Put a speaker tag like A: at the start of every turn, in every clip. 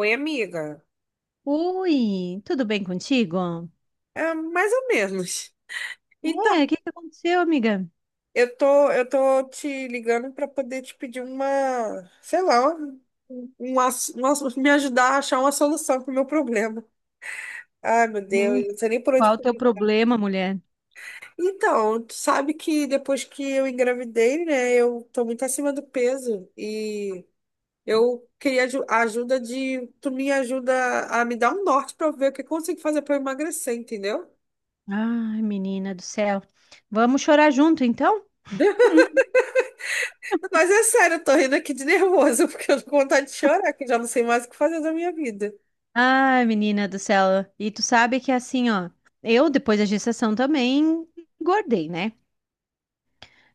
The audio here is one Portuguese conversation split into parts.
A: Oi, amiga.
B: Oi, tudo bem contigo?
A: É, mais ou menos. Então,
B: Ué, o que que aconteceu, amiga?
A: eu tô te ligando para poder te pedir uma, sei lá, me ajudar a achar uma solução para o meu problema. Ai, meu Deus,
B: Hum,
A: eu não sei nem por onde.
B: qual o teu problema, mulher?
A: Então, tu sabe que depois que eu engravidei, né, eu tô muito acima do peso e eu queria a ajuda tu me ajuda a me dar um norte para ver o que eu consigo fazer para emagrecer, entendeu?
B: Ai, menina do céu. Vamos chorar junto, então?
A: Mas é sério, eu tô rindo aqui de nervoso, porque eu tô com vontade de chorar, que eu já não sei mais o que fazer da minha vida.
B: Ai, menina do céu. E tu sabe que assim, ó, eu depois da gestação também engordei, né?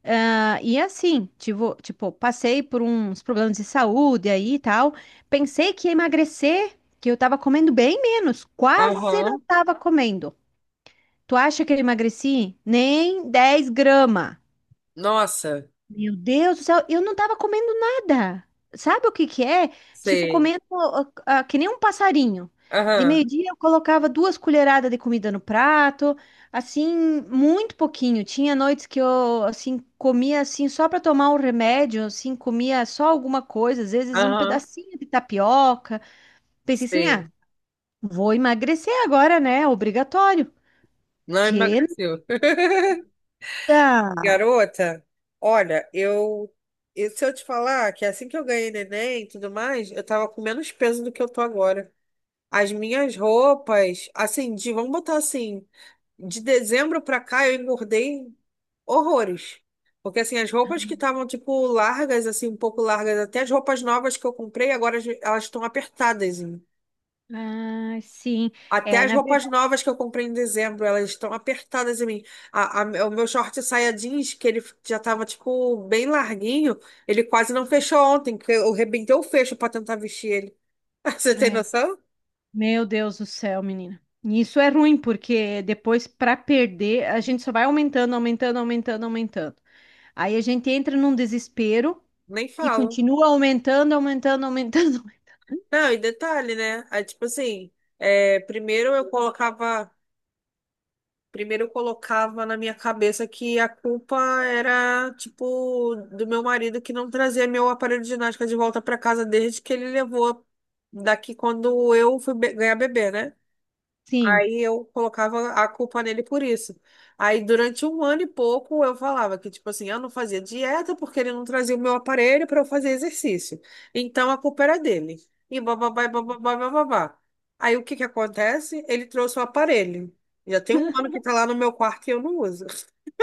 B: Ah, e assim, tipo, passei por uns problemas de saúde aí e tal. Pensei que ia emagrecer, que eu tava comendo bem menos, quase não
A: Aham.
B: tava comendo. Tu acha que eu emagreci? Nem 10 gramas.
A: Nossa,
B: Meu Deus do céu, eu não tava comendo nada. Sabe o que que é? Tipo,
A: sei.
B: comendo que nem um passarinho. De
A: Aham,
B: meio-dia eu colocava 2 colheradas de comida no prato, assim, muito pouquinho. Tinha noites que eu, assim, comia, assim, só para tomar um remédio, assim, comia só alguma coisa, às vezes um
A: aham,
B: pedacinho de tapioca. Pensei assim,
A: sei.
B: ah, vou emagrecer agora, né? Obrigatório.
A: Não
B: Que
A: emagreceu.
B: nada!
A: Garota, olha, se eu te falar que assim que eu ganhei neném e tudo mais, eu tava com menos peso do que eu tô agora. As minhas roupas, assim, de, vamos botar assim, de dezembro pra cá eu engordei horrores. Porque assim, as roupas que estavam tipo largas, assim, um pouco largas, até as roupas novas que eu comprei, agora elas estão apertadas em mim.
B: Ah, sim.
A: Até
B: É,
A: as
B: na
A: roupas
B: verdade.
A: novas que eu comprei em dezembro, elas estão apertadas em mim. O meu short saia jeans, que ele já tava, tipo, bem larguinho, ele quase não fechou ontem, que eu arrebentei o fecho pra tentar vestir ele. Você tem
B: É.
A: noção?
B: Meu Deus do céu, menina. E isso é ruim, porque depois, para perder, a gente só vai aumentando, aumentando, aumentando, aumentando. Aí a gente entra num desespero
A: Nem
B: e
A: falo.
B: continua aumentando, aumentando, aumentando.
A: Não, e detalhe, né? Aí, tipo assim, é, primeiro eu colocava. Primeiro eu colocava na minha cabeça que a culpa era, tipo, do meu marido que não trazia meu aparelho de ginástica de volta para casa desde que ele levou daqui quando eu fui ganhar bebê, né?
B: Sim.
A: Aí eu colocava a culpa nele por isso. Aí durante um ano e pouco eu falava que, tipo assim, eu não fazia dieta porque ele não trazia o meu aparelho para eu fazer exercício. Então a culpa era dele. E bababá, e bababá, e bababá. Aí o que que acontece? Ele trouxe o aparelho. Já tem um ano que tá lá no meu quarto e eu não uso.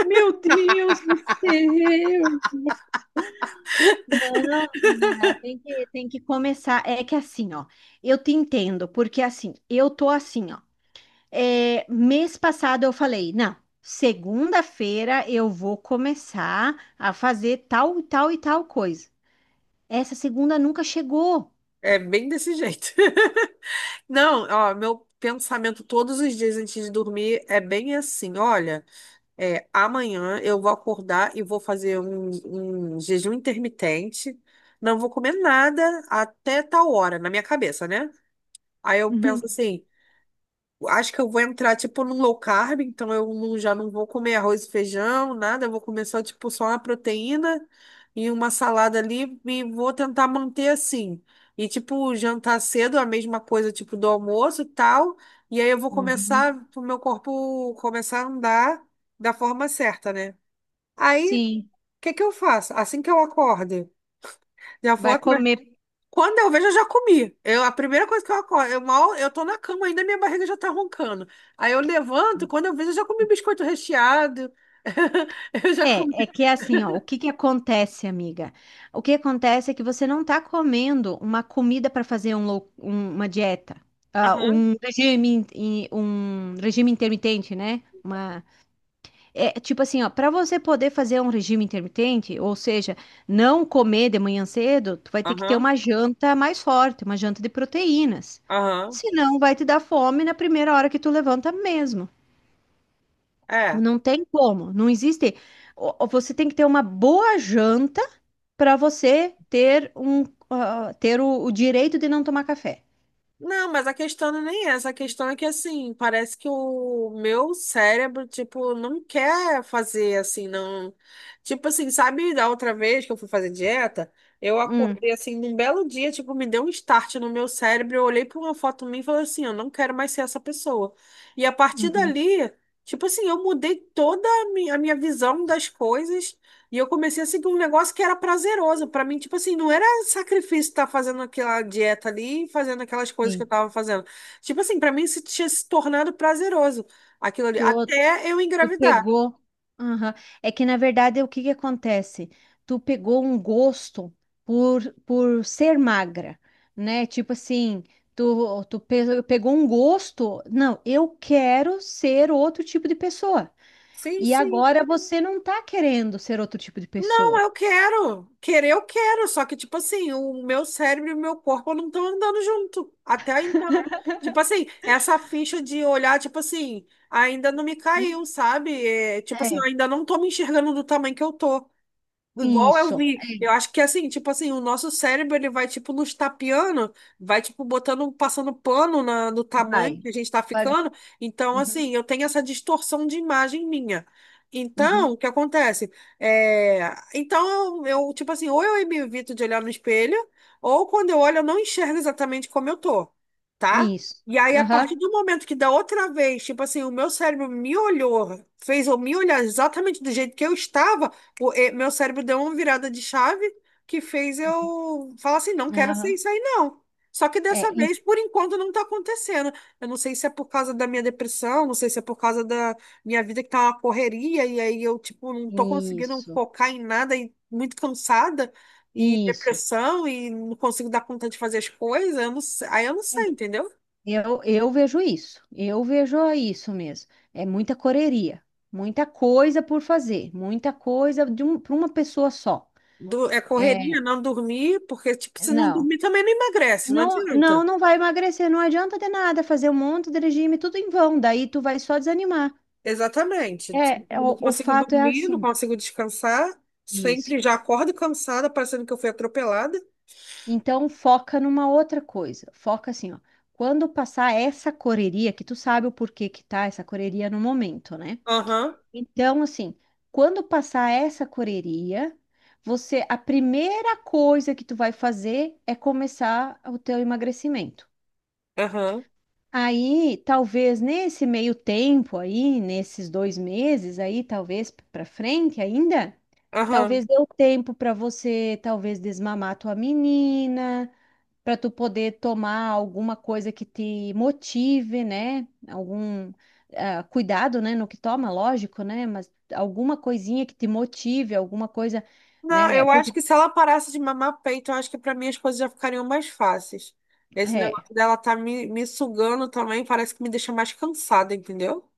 B: Meu Deus do céu! Menina, tem que começar. É que assim, ó, eu te entendo, porque assim, eu tô assim, ó. É, mês passado eu falei, não, segunda-feira eu vou começar a fazer tal, e tal e tal coisa. Essa segunda nunca chegou.
A: É bem desse jeito. Não, ó, meu pensamento todos os dias antes de dormir é bem assim, olha. É, amanhã eu vou acordar e vou fazer um jejum intermitente. Não vou comer nada até tal hora, na minha cabeça, né? Aí eu penso assim, acho que eu vou entrar tipo num low carb, então eu já não vou comer arroz e feijão, nada, eu vou comer só tipo só uma proteína e uma salada ali e vou tentar manter assim. E tipo jantar cedo, a mesma coisa tipo do almoço e tal. E aí eu vou
B: Uhum.
A: começar o meu corpo começar a andar da forma certa, né? Aí, o
B: Sim,
A: que que eu faço? Assim que eu acorde, já vou
B: vai
A: atrás.
B: comer.
A: Quando eu vejo, eu já comi. Eu, a primeira coisa que eu acordo, eu mal, eu tô na cama ainda, minha barriga já tá roncando. Aí eu levanto, quando eu vejo, eu já comi biscoito recheado. Eu já comi.
B: É que é assim, ó, o que que acontece, amiga? O que acontece é que você não tá comendo uma comida para fazer uma dieta. Ah,
A: Aham,
B: um regime, um regime intermitente, né? É, tipo assim, ó, para você poder fazer um regime intermitente, ou seja, não comer de manhã cedo, tu vai ter que ter
A: aham,
B: uma janta mais forte, uma janta de proteínas.
A: aham.
B: Senão vai te dar fome na primeira hora que tu levanta mesmo.
A: É.
B: Não tem como, não existe. Ó, você tem que ter uma boa janta para você ter o direito de não tomar café.
A: Não, mas a questão não é nem essa. A questão é que, assim, parece que o meu cérebro, tipo, não quer fazer, assim, não. Tipo assim, sabe, da outra vez que eu fui fazer dieta, eu
B: Hum,
A: acordei, assim, num belo dia, tipo, me deu um start no meu cérebro. Eu olhei pra uma foto minha e falei assim: eu não quero mais ser essa pessoa. E a partir
B: uhum,
A: dali, tipo assim, eu mudei toda a a minha visão das coisas. E eu comecei a seguir um negócio que era prazeroso. Pra mim, tipo assim, não era sacrifício estar fazendo aquela dieta ali, fazendo aquelas coisas que eu
B: sim.
A: tava fazendo. Tipo assim, pra mim isso tinha se tornado prazeroso, aquilo ali,
B: Tu
A: até eu
B: Tu
A: engravidar.
B: pegou. Aham. É que, na verdade, o que que acontece? Tu pegou um gosto por ser magra, né? Tipo assim, tu pegou um gosto. Não, eu quero ser outro tipo de pessoa.
A: Sim,
B: E
A: sim.
B: agora você não tá querendo ser outro tipo de
A: Não,
B: pessoa.
A: eu quero. Querer eu quero, só que, tipo assim, o meu cérebro e o meu corpo não estão andando junto. Até então. Tipo assim, essa ficha de olhar, tipo assim, ainda não me caiu,
B: Não.
A: sabe? É, tipo assim, eu
B: É,
A: ainda não tô me enxergando do tamanho que eu tô. Igual eu
B: isso.
A: vi, eu
B: É,
A: acho que assim, tipo assim, o nosso cérebro ele vai tipo nos tapeando, vai tipo botando, passando pano na, no tamanho
B: vai.
A: que a gente tá
B: Paga.
A: ficando. Então,
B: Uhum,
A: assim, eu tenho essa distorção de imagem minha. Então,
B: uhum.
A: o que acontece? É, então, eu, tipo assim, ou eu me evito de olhar no espelho, ou quando eu olho, eu não enxergo exatamente como eu tô, tá?
B: Isso.
A: E aí, a partir
B: Aham.
A: do momento que da outra vez, tipo assim, o meu cérebro me olhou, fez eu me olhar exatamente do jeito que eu estava meu cérebro deu uma virada de chave que fez eu falar assim, não quero ser
B: Aham.
A: isso aí, não. Só que
B: É,
A: dessa
B: i-
A: vez, por enquanto, não está acontecendo. Eu não sei se é por causa da minha depressão, não sei se é por causa da minha vida que tá uma correria, e aí eu, tipo, não tô conseguindo
B: isso.
A: focar em nada e muito cansada, e
B: Isso.
A: depressão, e não consigo dar conta de fazer as coisas, eu não sei, aí eu não sei, entendeu?
B: Eu vejo isso, eu vejo isso mesmo. É muita correria, muita coisa por fazer, muita coisa de um, para uma pessoa só.
A: É correria,
B: É,
A: não dormir, porque, tipo, se não
B: não,
A: dormir também não emagrece, não
B: não, não,
A: adianta.
B: não vai emagrecer, não adianta de nada fazer um monte de regime, tudo em vão, daí tu vai só desanimar.
A: Exatamente.
B: É,
A: Não
B: o
A: consigo
B: fato é
A: dormir, não
B: assim,
A: consigo descansar.
B: isso.
A: Sempre já acordo cansada, parecendo que eu fui atropelada.
B: Então foca numa outra coisa, foca assim, ó. Quando passar essa correria, que tu sabe o porquê que tá essa correria no momento, né?
A: Aham,
B: Então, assim, quando passar essa correria, você, a primeira coisa que tu vai fazer é começar o teu emagrecimento.
A: aham,
B: Aí, talvez nesse meio tempo aí, nesses 2 meses aí, talvez para frente ainda,
A: aham.
B: talvez dê o tempo para você, talvez desmamar tua menina, para tu poder tomar alguma coisa que te motive, né? Algum cuidado, né, no que toma, lógico, né? Mas alguma coisinha que te motive, alguma coisa,
A: Não,
B: né?
A: eu acho
B: Porque
A: que se ela parasse de mamar peito, eu acho que pra mim as coisas já ficariam mais fáceis. Esse
B: é,
A: negócio dela tá me sugando também, parece que me deixa mais cansada, entendeu?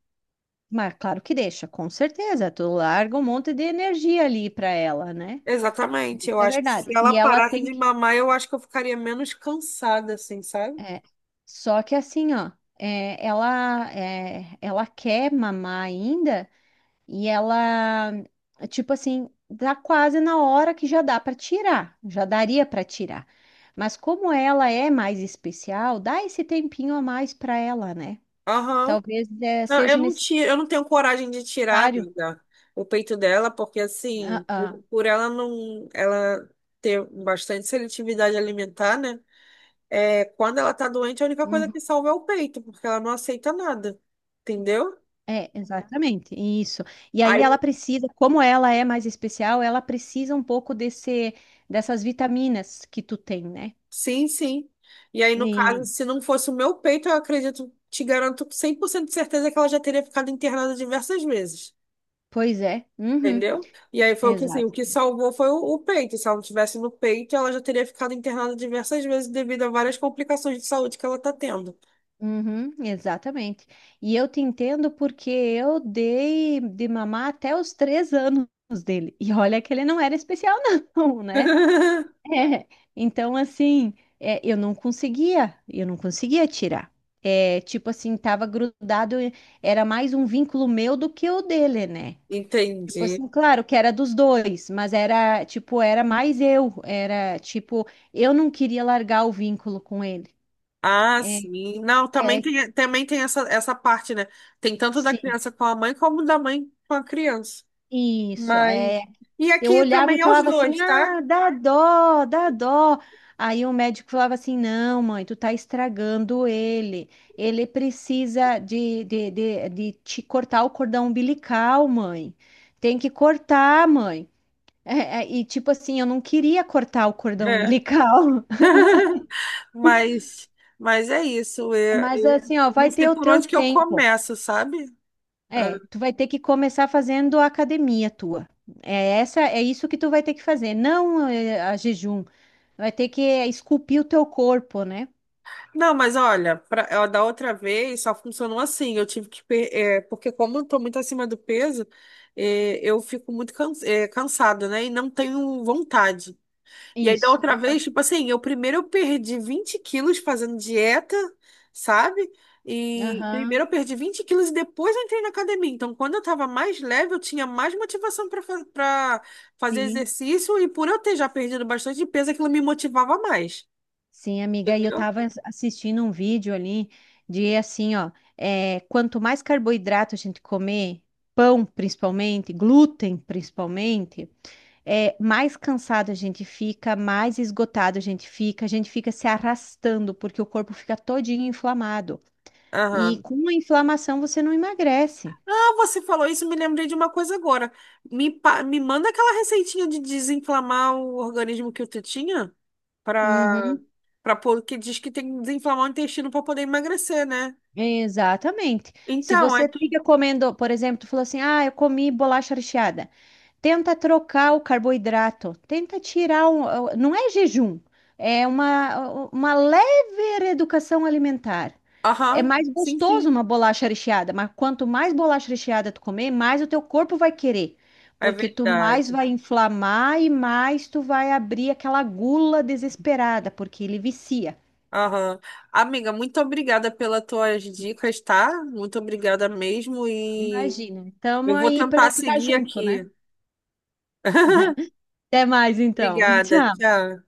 B: mas claro que deixa, com certeza. Tu larga um monte de energia ali para ela, né?
A: Exatamente.
B: Isso
A: Eu
B: é
A: acho que se
B: verdade.
A: ela
B: E ela
A: parasse
B: tem
A: de
B: que
A: mamar, eu acho que eu ficaria menos cansada, assim, sabe?
B: é, só que assim, ó, é, ela quer mamar ainda. E ela, tipo assim, dá quase na hora que já dá para tirar, já daria para tirar. Mas como ela é mais especial, dá esse tempinho a mais para ela, né?
A: Aham.
B: Talvez
A: Não, eu
B: seja
A: não tiro, eu não tenho coragem de tirar,
B: necessário.
A: amiga, o peito dela, porque assim,
B: Ah,
A: por,
B: ah,
A: por ela não, ela ter bastante seletividade alimentar, né? É, quando ela tá doente, a única coisa
B: uhum.
A: que salva é o peito, porque ela não aceita nada, entendeu?
B: É, exatamente, isso. E ainda
A: Aí,
B: ela precisa, como ela é mais especial, ela precisa um pouco desse, dessas vitaminas que tu tem, né?
A: sim, sim. E aí, no caso,
B: E,
A: se não fosse o meu peito, eu acredito, te garanto com 100% de certeza que ela já teria ficado internada diversas vezes.
B: pois é, uhum.
A: Entendeu? E aí foi o que, assim, o que salvou foi o peito. Se ela não tivesse no peito, ela já teria ficado internada diversas vezes devido a várias complicações de saúde que ela tá tendo.
B: Uhum, exatamente. E eu te entendo porque eu dei de mamar até os 3 anos dele. E olha que ele não era especial, não, né? É, então, assim, é, eu não conseguia tirar. É, tipo assim, tava grudado, era mais um vínculo meu do que o dele, né? Tipo
A: Entendi.
B: assim, claro que era dos dois, mas era, tipo, era mais eu. Era, tipo, eu não queria largar o vínculo com ele.
A: Ah,
B: É,
A: sim. Não,
B: é,
A: também tem essa, essa parte, né? Tem tanto da criança com a mãe como da mãe com a criança.
B: isso, é.
A: Mas. E
B: Eu
A: aqui
B: olhava e
A: também é os
B: falava assim:
A: dois, tá?
B: ah, dá dó, dá dó. Aí o médico falava assim: não, mãe, tu tá estragando ele. Ele precisa de te cortar o cordão umbilical, mãe. Tem que cortar, mãe. É, e tipo assim, eu não queria cortar o cordão
A: É.
B: umbilical,
A: Mas, mas é isso. Eu,
B: mas
A: eu
B: assim, ó,
A: não
B: vai
A: sei
B: ter o
A: por
B: teu
A: onde que eu
B: tempo.
A: começo, sabe?
B: É, tu vai ter que começar fazendo a academia tua. É essa, é isso que tu vai ter que fazer, não é, a jejum. Vai ter que esculpir o teu corpo, né?
A: Não, mas olha, ó, da outra vez só funcionou assim. Eu tive que. É, porque, como eu tô muito acima do peso, é, eu fico muito é, cansada, né? E não tenho vontade. E aí, da
B: Isso.
A: outra vez, tipo assim, eu primeiro eu perdi 20 quilos fazendo dieta, sabe? E
B: Aham,
A: primeiro eu perdi 20 quilos e depois eu entrei na academia. Então, quando eu tava mais leve, eu tinha mais motivação para fazer
B: sim.
A: exercício. E por eu ter já perdido bastante peso, aquilo me motivava mais.
B: Sim, amiga, e eu
A: Entendeu?
B: tava assistindo um vídeo ali de assim, ó, é, quanto mais carboidrato a gente comer, pão principalmente, glúten principalmente, é, mais cansado a gente fica, mais esgotado a gente fica se arrastando porque o corpo fica todinho inflamado. E
A: Aham.
B: com a inflamação você não emagrece.
A: Ah, você falou isso, me lembrei de uma coisa agora. Me manda aquela receitinha de desinflamar o organismo que tu tinha para
B: Uhum,
A: para pôr, que diz que tem que desinflamar o intestino para poder emagrecer, né?
B: exatamente. Se
A: Então, aí
B: você
A: tu.
B: fica comendo, por exemplo, tu falou assim: ah, eu comi bolacha recheada. Tenta trocar o carboidrato, tenta tirar um, não é jejum, é uma leve reeducação alimentar. É
A: Aham,
B: mais
A: sim,
B: gostoso
A: sim.
B: uma bolacha recheada, mas quanto mais bolacha recheada tu comer, mais o teu corpo vai querer,
A: É
B: porque tu mais
A: verdade.
B: vai inflamar e mais tu vai abrir aquela gula desesperada, porque ele vicia.
A: Aham. Amiga, muito obrigada pelas tuas dicas, tá? Muito obrigada mesmo e
B: Imagina.
A: eu
B: Estamos
A: vou
B: aí
A: tentar
B: para ficar
A: seguir
B: junto,
A: aqui.
B: né? Até mais então.
A: Obrigada,
B: Tchau.
A: tchau.